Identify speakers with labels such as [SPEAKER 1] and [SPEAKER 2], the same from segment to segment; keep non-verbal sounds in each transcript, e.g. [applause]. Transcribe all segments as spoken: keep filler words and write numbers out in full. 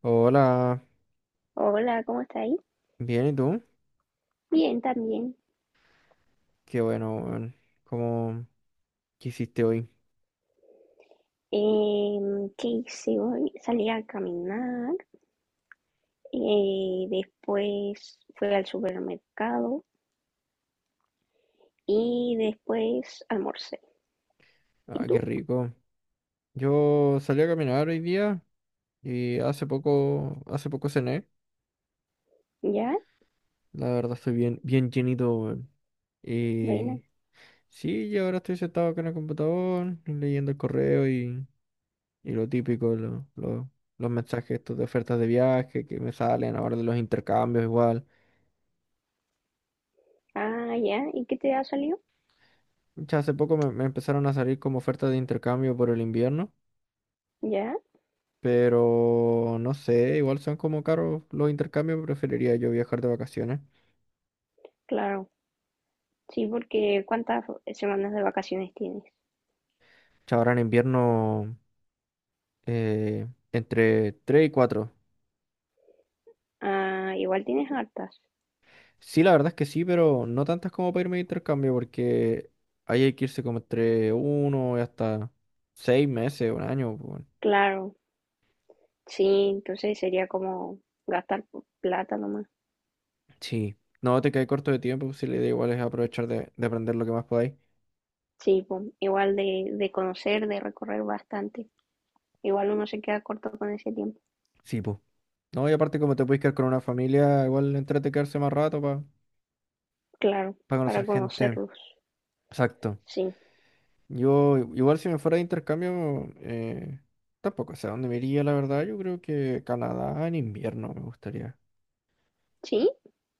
[SPEAKER 1] Hola,
[SPEAKER 2] Hola, ¿cómo estáis?
[SPEAKER 1] bien, ¿y tú?
[SPEAKER 2] Bien, también.
[SPEAKER 1] Qué bueno, weón. ¿Cómo ¿Qué hiciste hoy?
[SPEAKER 2] Em, ¿qué hice hoy? Salí a caminar, eh, después fui al supermercado y después almorcé. ¿Y
[SPEAKER 1] Ah, qué
[SPEAKER 2] tú?
[SPEAKER 1] rico. Yo salí a caminar hoy día y hace poco, hace poco cené.
[SPEAKER 2] ¿Ya?
[SPEAKER 1] La verdad estoy bien, bien llenito, weón.
[SPEAKER 2] Buena.
[SPEAKER 1] Y sí, y ahora estoy sentado acá en el computador, leyendo el correo y, y lo típico, lo- lo- los mensajes estos de ofertas de viaje que me salen ahora de los intercambios igual.
[SPEAKER 2] Ah, ya. ¿Y qué te ha salido?
[SPEAKER 1] Ya hace poco me, me empezaron a salir como ofertas de intercambio por el invierno.
[SPEAKER 2] ¿Ya?
[SPEAKER 1] Pero no sé, igual son como caros los intercambios, preferiría yo viajar de vacaciones.
[SPEAKER 2] Claro. Sí, porque ¿cuántas semanas de vacaciones tienes?
[SPEAKER 1] Ahora en invierno eh, entre tres y cuatro.
[SPEAKER 2] Ah, igual tienes hartas.
[SPEAKER 1] Sí, la verdad es que sí, pero no tantas como para irme de intercambio, porque ahí hay que irse como entre uno y hasta seis meses, un año, pues, bueno.
[SPEAKER 2] Claro. Sí, entonces sería como gastar plata nomás.
[SPEAKER 1] Sí, no te quedas corto de tiempo, pues, si la idea igual es aprovechar de, de aprender lo que más podáis.
[SPEAKER 2] Sí, pues, igual de, de conocer, de recorrer bastante. Igual uno se queda corto con ese tiempo.
[SPEAKER 1] Sí, pues. No, y aparte como te puedes quedar con una familia, igual entrete quedarse más rato para
[SPEAKER 2] Claro,
[SPEAKER 1] conocer
[SPEAKER 2] para
[SPEAKER 1] gente.
[SPEAKER 2] conocerlos.
[SPEAKER 1] Exacto.
[SPEAKER 2] Sí.
[SPEAKER 1] Yo, igual si me fuera de intercambio, eh, tampoco sé a dónde me iría, la verdad. Yo creo que Canadá en invierno me gustaría.
[SPEAKER 2] ¿Sí?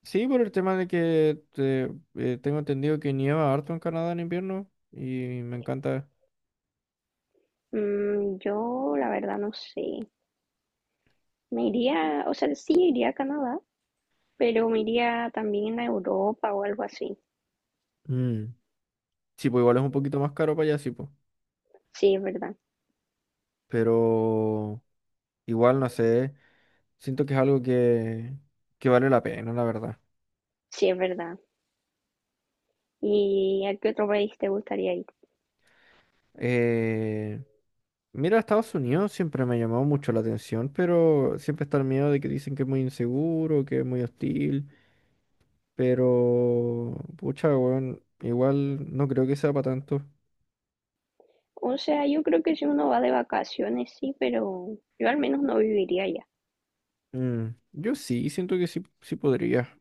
[SPEAKER 1] Sí, por el tema de que te- eh, tengo entendido que nieva harto en Canadá en invierno y me encanta.
[SPEAKER 2] Mm, yo la verdad no sé. Me iría, o sea, sí iría a Canadá, pero me iría también a Europa o algo así.
[SPEAKER 1] Mm. Sí, pues igual es un poquito más caro para allá, sí, pues.
[SPEAKER 2] Sí, es verdad.
[SPEAKER 1] Pero igual, no sé, siento que es algo que, que vale la pena, la verdad.
[SPEAKER 2] Sí, es verdad. ¿Y a qué otro país te gustaría ir?
[SPEAKER 1] Eh, Mira, Estados Unidos siempre me ha llamado mucho la atención, pero siempre está el miedo de que dicen que es muy inseguro, que es muy hostil, pero pucha, weón, igual no creo que sea para tanto.
[SPEAKER 2] O sea, yo creo que si uno va de vacaciones, sí, pero yo al menos no viviría allá.
[SPEAKER 1] Mm, yo sí, siento que sí, sí podría.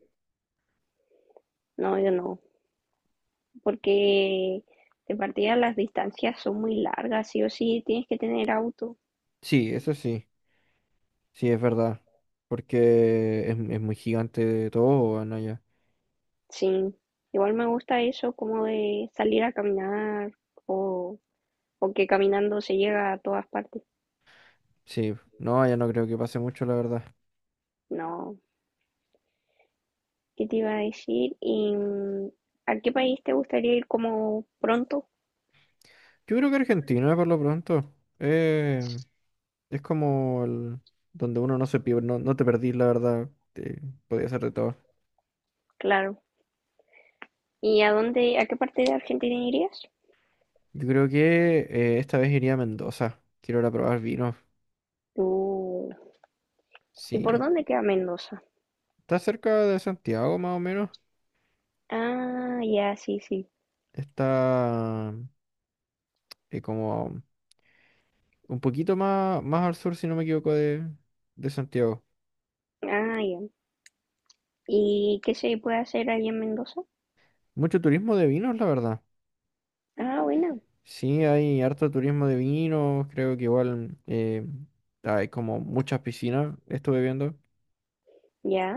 [SPEAKER 2] No, yo no. Porque de partida las distancias son muy largas, sí o sí, tienes que tener auto.
[SPEAKER 1] Sí, eso sí, sí es verdad, porque es, es muy gigante todo, weón, allá.
[SPEAKER 2] Sí, igual me gusta eso como de salir a caminar o, o que caminando se llega a todas partes.
[SPEAKER 1] Sí, no, allá no creo que pase mucho, la verdad.
[SPEAKER 2] No, ¿qué te iba a decir? ¿Y mm, a qué país te gustaría ir como pronto?
[SPEAKER 1] Yo creo que Argentina, por lo pronto. Eh, Es como el- donde uno no se pierde, no, no te perdí, la verdad. Te, podía ser de todo.
[SPEAKER 2] Claro. ¿Y a dónde, a qué parte de Argentina irías?
[SPEAKER 1] Yo creo que eh, esta vez iría a Mendoza. Quiero ir a probar vinos.
[SPEAKER 2] Uh, ¿y por
[SPEAKER 1] Sí.
[SPEAKER 2] dónde queda Mendoza?
[SPEAKER 1] Está cerca de Santiago, más o menos.
[SPEAKER 2] Ah, ya, sí, sí.
[SPEAKER 1] Está eh, como un poquito más, más al sur, si no me equivoco, de, de Santiago.
[SPEAKER 2] Ah, ya. ¿Y qué se puede hacer ahí en Mendoza?
[SPEAKER 1] Mucho turismo de vinos, la verdad.
[SPEAKER 2] Ah, bueno,
[SPEAKER 1] Sí, hay harto turismo de vinos. Creo que igual eh, hay como muchas piscinas, estuve viendo.
[SPEAKER 2] ya.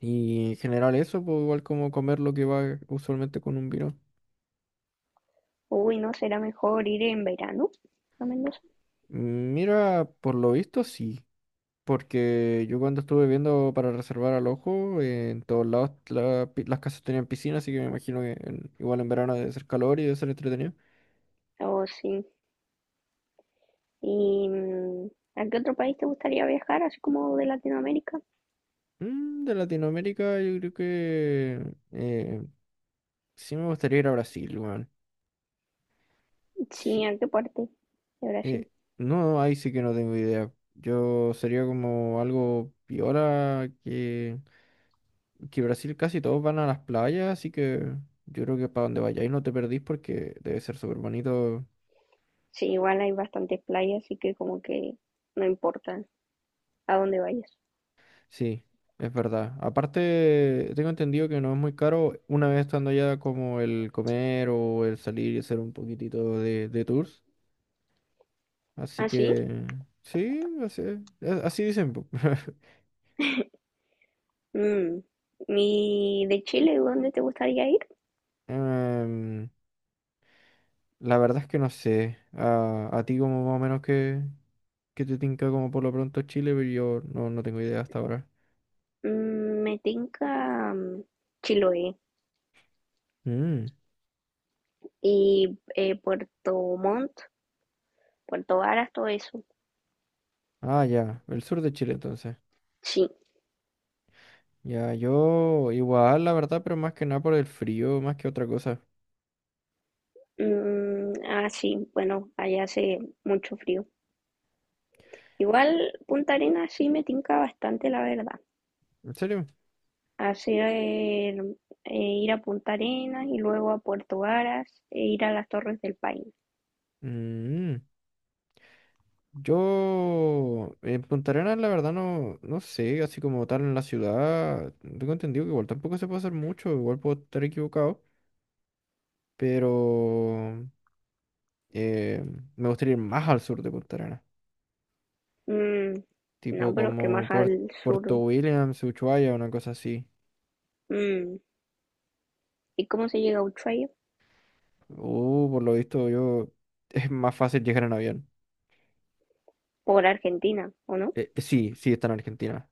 [SPEAKER 1] Y en general eso, pues igual como comer lo que va usualmente con un vino.
[SPEAKER 2] Uy, ¿no será mejor ir en verano a Mendoza?
[SPEAKER 1] Mira, por lo visto sí, porque yo cuando estuve viendo para reservar al ojo, eh, en todos lados la pi- las casas tenían piscina, así que me imagino que en- igual en verano debe ser calor y debe ser entretenido.
[SPEAKER 2] Oh, sí. ¿Y mm, a qué otro país te gustaría viajar, así como de Latinoamérica?
[SPEAKER 1] Mm, de Latinoamérica yo creo que eh, sí me gustaría ir a Brasil, weón.
[SPEAKER 2] Sí,
[SPEAKER 1] Sí,
[SPEAKER 2] ¿a qué parte de Brasil?
[SPEAKER 1] eh, no, ahí sí que no tengo idea. Yo sería como algo piola que... Que Brasil casi todos van a las playas, así que yo creo que para donde vayáis no te perdís porque debe ser súper bonito.
[SPEAKER 2] Sí, igual hay bastantes playas, así que como que no importa a dónde vayas.
[SPEAKER 1] Sí, es verdad. Aparte, tengo entendido que no es muy caro una vez estando allá como el comer o el salir y hacer un poquitito de, de tours. Así
[SPEAKER 2] ¿Ah, sí?
[SPEAKER 1] que sí, así, a- así dicen, po. [laughs]
[SPEAKER 2] Mm, ¿y de Chile, dónde te gustaría ir?
[SPEAKER 1] Em, la verdad es que no sé. A, a ti como más o menos que, que, te tinca como por lo pronto Chile, pero yo no, no tengo idea hasta ahora.
[SPEAKER 2] Mm, me tinca mm, Chiloé
[SPEAKER 1] Mm.
[SPEAKER 2] y eh, Puerto Montt, Puerto Varas, todo eso.
[SPEAKER 1] Ah, ya, el sur de Chile entonces.
[SPEAKER 2] Sí.
[SPEAKER 1] Ya, yo igual, la verdad, pero más que nada por el frío, más que otra cosa.
[SPEAKER 2] Mm, ah, sí, bueno, allá hace mucho frío. Igual Punta Arenas sí me tinca bastante, la verdad.
[SPEAKER 1] ¿En serio?
[SPEAKER 2] Hacer eh, ir a Punta Arenas y luego a Puerto Varas e ir a las Torres del Paine.
[SPEAKER 1] Mm, yo en Punta Arenas, la verdad, no, no sé, así como tal en la ciudad, tengo entendido que igual tampoco se puede hacer mucho, igual puedo estar equivocado, pero eh, me gustaría ir más al sur de Punta Arenas,
[SPEAKER 2] Mm,
[SPEAKER 1] tipo
[SPEAKER 2] no, pero es que
[SPEAKER 1] como
[SPEAKER 2] más
[SPEAKER 1] Puer-
[SPEAKER 2] al
[SPEAKER 1] Puerto
[SPEAKER 2] sur.
[SPEAKER 1] Williams, Ushuaia, una cosa así.
[SPEAKER 2] Mm, ¿y cómo se llega a Ushuaia?
[SPEAKER 1] Uh, por lo visto yo [laughs] es más fácil llegar en avión.
[SPEAKER 2] Por Argentina, ¿o no?
[SPEAKER 1] Eh, eh, sí, sí, está en Argentina.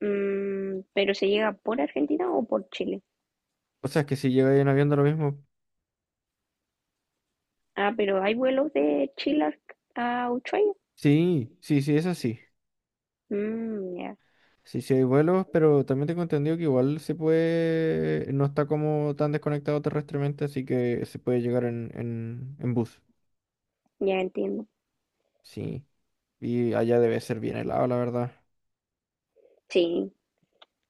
[SPEAKER 2] Mm, pero se llega por Argentina o por Chile.
[SPEAKER 1] O sea, es que si llega en avión da lo mismo.
[SPEAKER 2] Ah, pero hay vuelos de Chile a a Ushuaia.
[SPEAKER 1] Sí, sí, sí, es así.
[SPEAKER 2] Mm, ya,
[SPEAKER 1] Sí, sí hay vuelos, pero también tengo entendido que igual se puede, no está como tan desconectado terrestremente, así que se puede llegar en, en, en bus.
[SPEAKER 2] ya entiendo.
[SPEAKER 1] Sí. Y allá debe ser bien helado, la verdad.
[SPEAKER 2] Sí,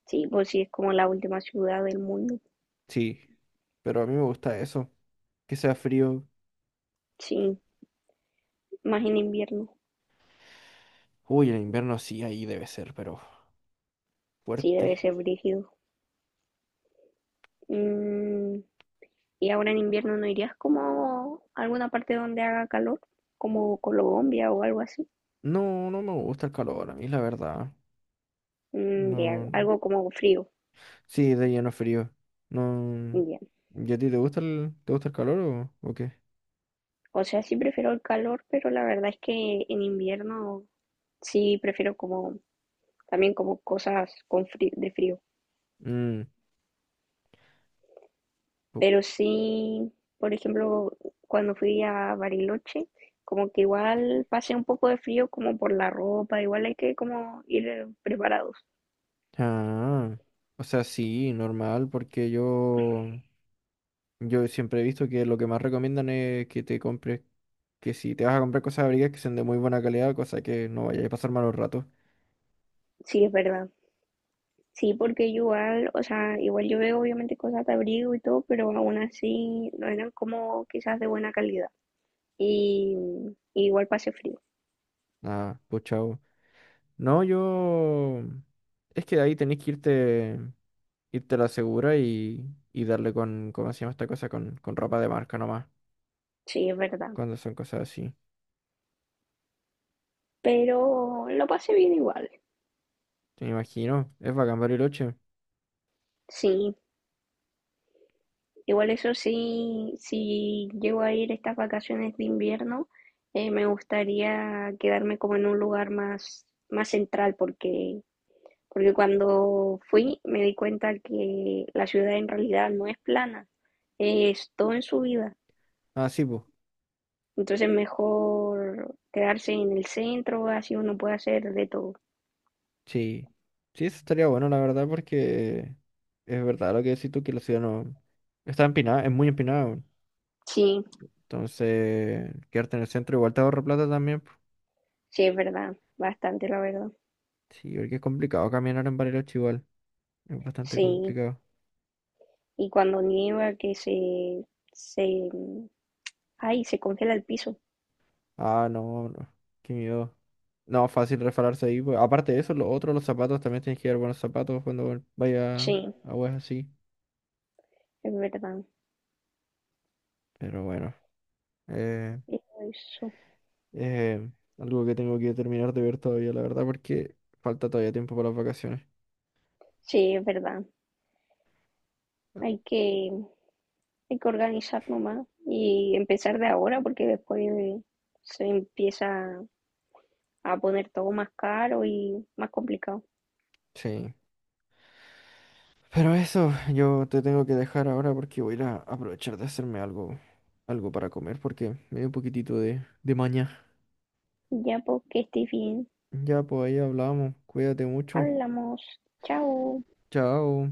[SPEAKER 2] sí, pues sí, es como la última ciudad del mundo.
[SPEAKER 1] Sí. Pero a mí me gusta eso. Que sea frío.
[SPEAKER 2] Sí, más en invierno.
[SPEAKER 1] Uy, en invierno sí, ahí debe ser, pero
[SPEAKER 2] Sí,
[SPEAKER 1] fuerte.
[SPEAKER 2] debe ser brígido. Mm, y ahora en invierno no irías como a alguna parte donde haga calor, como Colombia o algo así.
[SPEAKER 1] No, no me gusta el calor, a mí la verdad.
[SPEAKER 2] Mm, ya,
[SPEAKER 1] No.
[SPEAKER 2] algo como frío.
[SPEAKER 1] Sí, de lleno frío. No.
[SPEAKER 2] Ya.
[SPEAKER 1] ¿Y a ti te gusta el, te gusta el calor o, o qué?
[SPEAKER 2] O sea, sí prefiero el calor, pero la verdad es que en invierno sí prefiero como también como cosas con frí- de frío.
[SPEAKER 1] Mm, pu-
[SPEAKER 2] Pero sí, por ejemplo, cuando fui a Bariloche, como que igual pasé un poco de frío como por la ropa, igual hay que como ir eh, preparados.
[SPEAKER 1] Ah, o sea, sí, normal, porque yo, yo siempre he visto que lo que más recomiendan es que te compres, que si te vas a comprar cosas abrigadas que sean de muy buena calidad, cosa que no vayas a pasar malos ratos.
[SPEAKER 2] Sí, es verdad. Sí, porque igual, o sea, igual yo veo obviamente cosas de abrigo y todo, pero aún así no eran como quizás de buena calidad. Y, y igual pasé frío,
[SPEAKER 1] Ah, pues chao. No, yo, es que ahí tenés que irte, irte a la segura y, y darle con, ¿cómo se llama esta cosa? Con, con ropa de marca nomás,
[SPEAKER 2] sí, es verdad.
[SPEAKER 1] cuando son cosas así.
[SPEAKER 2] Pero lo pasé bien igual,
[SPEAKER 1] Me imagino, es bacán Bariloche.
[SPEAKER 2] sí. Igual eso sí, si llego a ir estas vacaciones de invierno, eh, me gustaría quedarme como en un lugar más, más central, porque, porque cuando fui me di cuenta que la ciudad en realidad no es plana, es todo en subida.
[SPEAKER 1] Ah, sí, pues.
[SPEAKER 2] Entonces mejor quedarse en el centro, así uno puede hacer de todo.
[SPEAKER 1] Sí. Sí, eso estaría bueno, la verdad, porque es verdad lo que decís tú, que la ciudad no está empinada, es muy empinada, weón.
[SPEAKER 2] Sí,
[SPEAKER 1] Entonces, quedarte en el centro igual te ahorra plata también, po.
[SPEAKER 2] sí, es verdad, bastante la verdad.
[SPEAKER 1] Sí, porque es complicado caminar en Bariloche igual. Es bastante
[SPEAKER 2] Sí,
[SPEAKER 1] complicado.
[SPEAKER 2] y cuando nieva que se, se, ay, se congela el piso.
[SPEAKER 1] Ah, no, no. Qué miedo. No, fácil refalarse ahí, pues. Aparte de eso, lo otro, los zapatos, también tienes que llevar buenos zapatos cuando vaya
[SPEAKER 2] Sí,
[SPEAKER 1] a weas así.
[SPEAKER 2] es verdad.
[SPEAKER 1] Pero bueno. Eh...
[SPEAKER 2] Eso,
[SPEAKER 1] Eh, algo que tengo que terminar de ver todavía, la verdad, porque falta todavía tiempo para las vacaciones.
[SPEAKER 2] sí, es verdad.
[SPEAKER 1] Ah,
[SPEAKER 2] Hay que, hay que organizar nomás y empezar de ahora porque después eh, se empieza a poner todo más caro y más complicado.
[SPEAKER 1] sí. Pero eso, yo te tengo que dejar ahora porque voy a ir a aprovechar de hacerme algo, algo para comer porque me dio un poquitito de, de maña.
[SPEAKER 2] Ya, porque estés bien.
[SPEAKER 1] Ya, pues ahí hablamos. Cuídate mucho.
[SPEAKER 2] Hablamos. Chao.
[SPEAKER 1] Chao.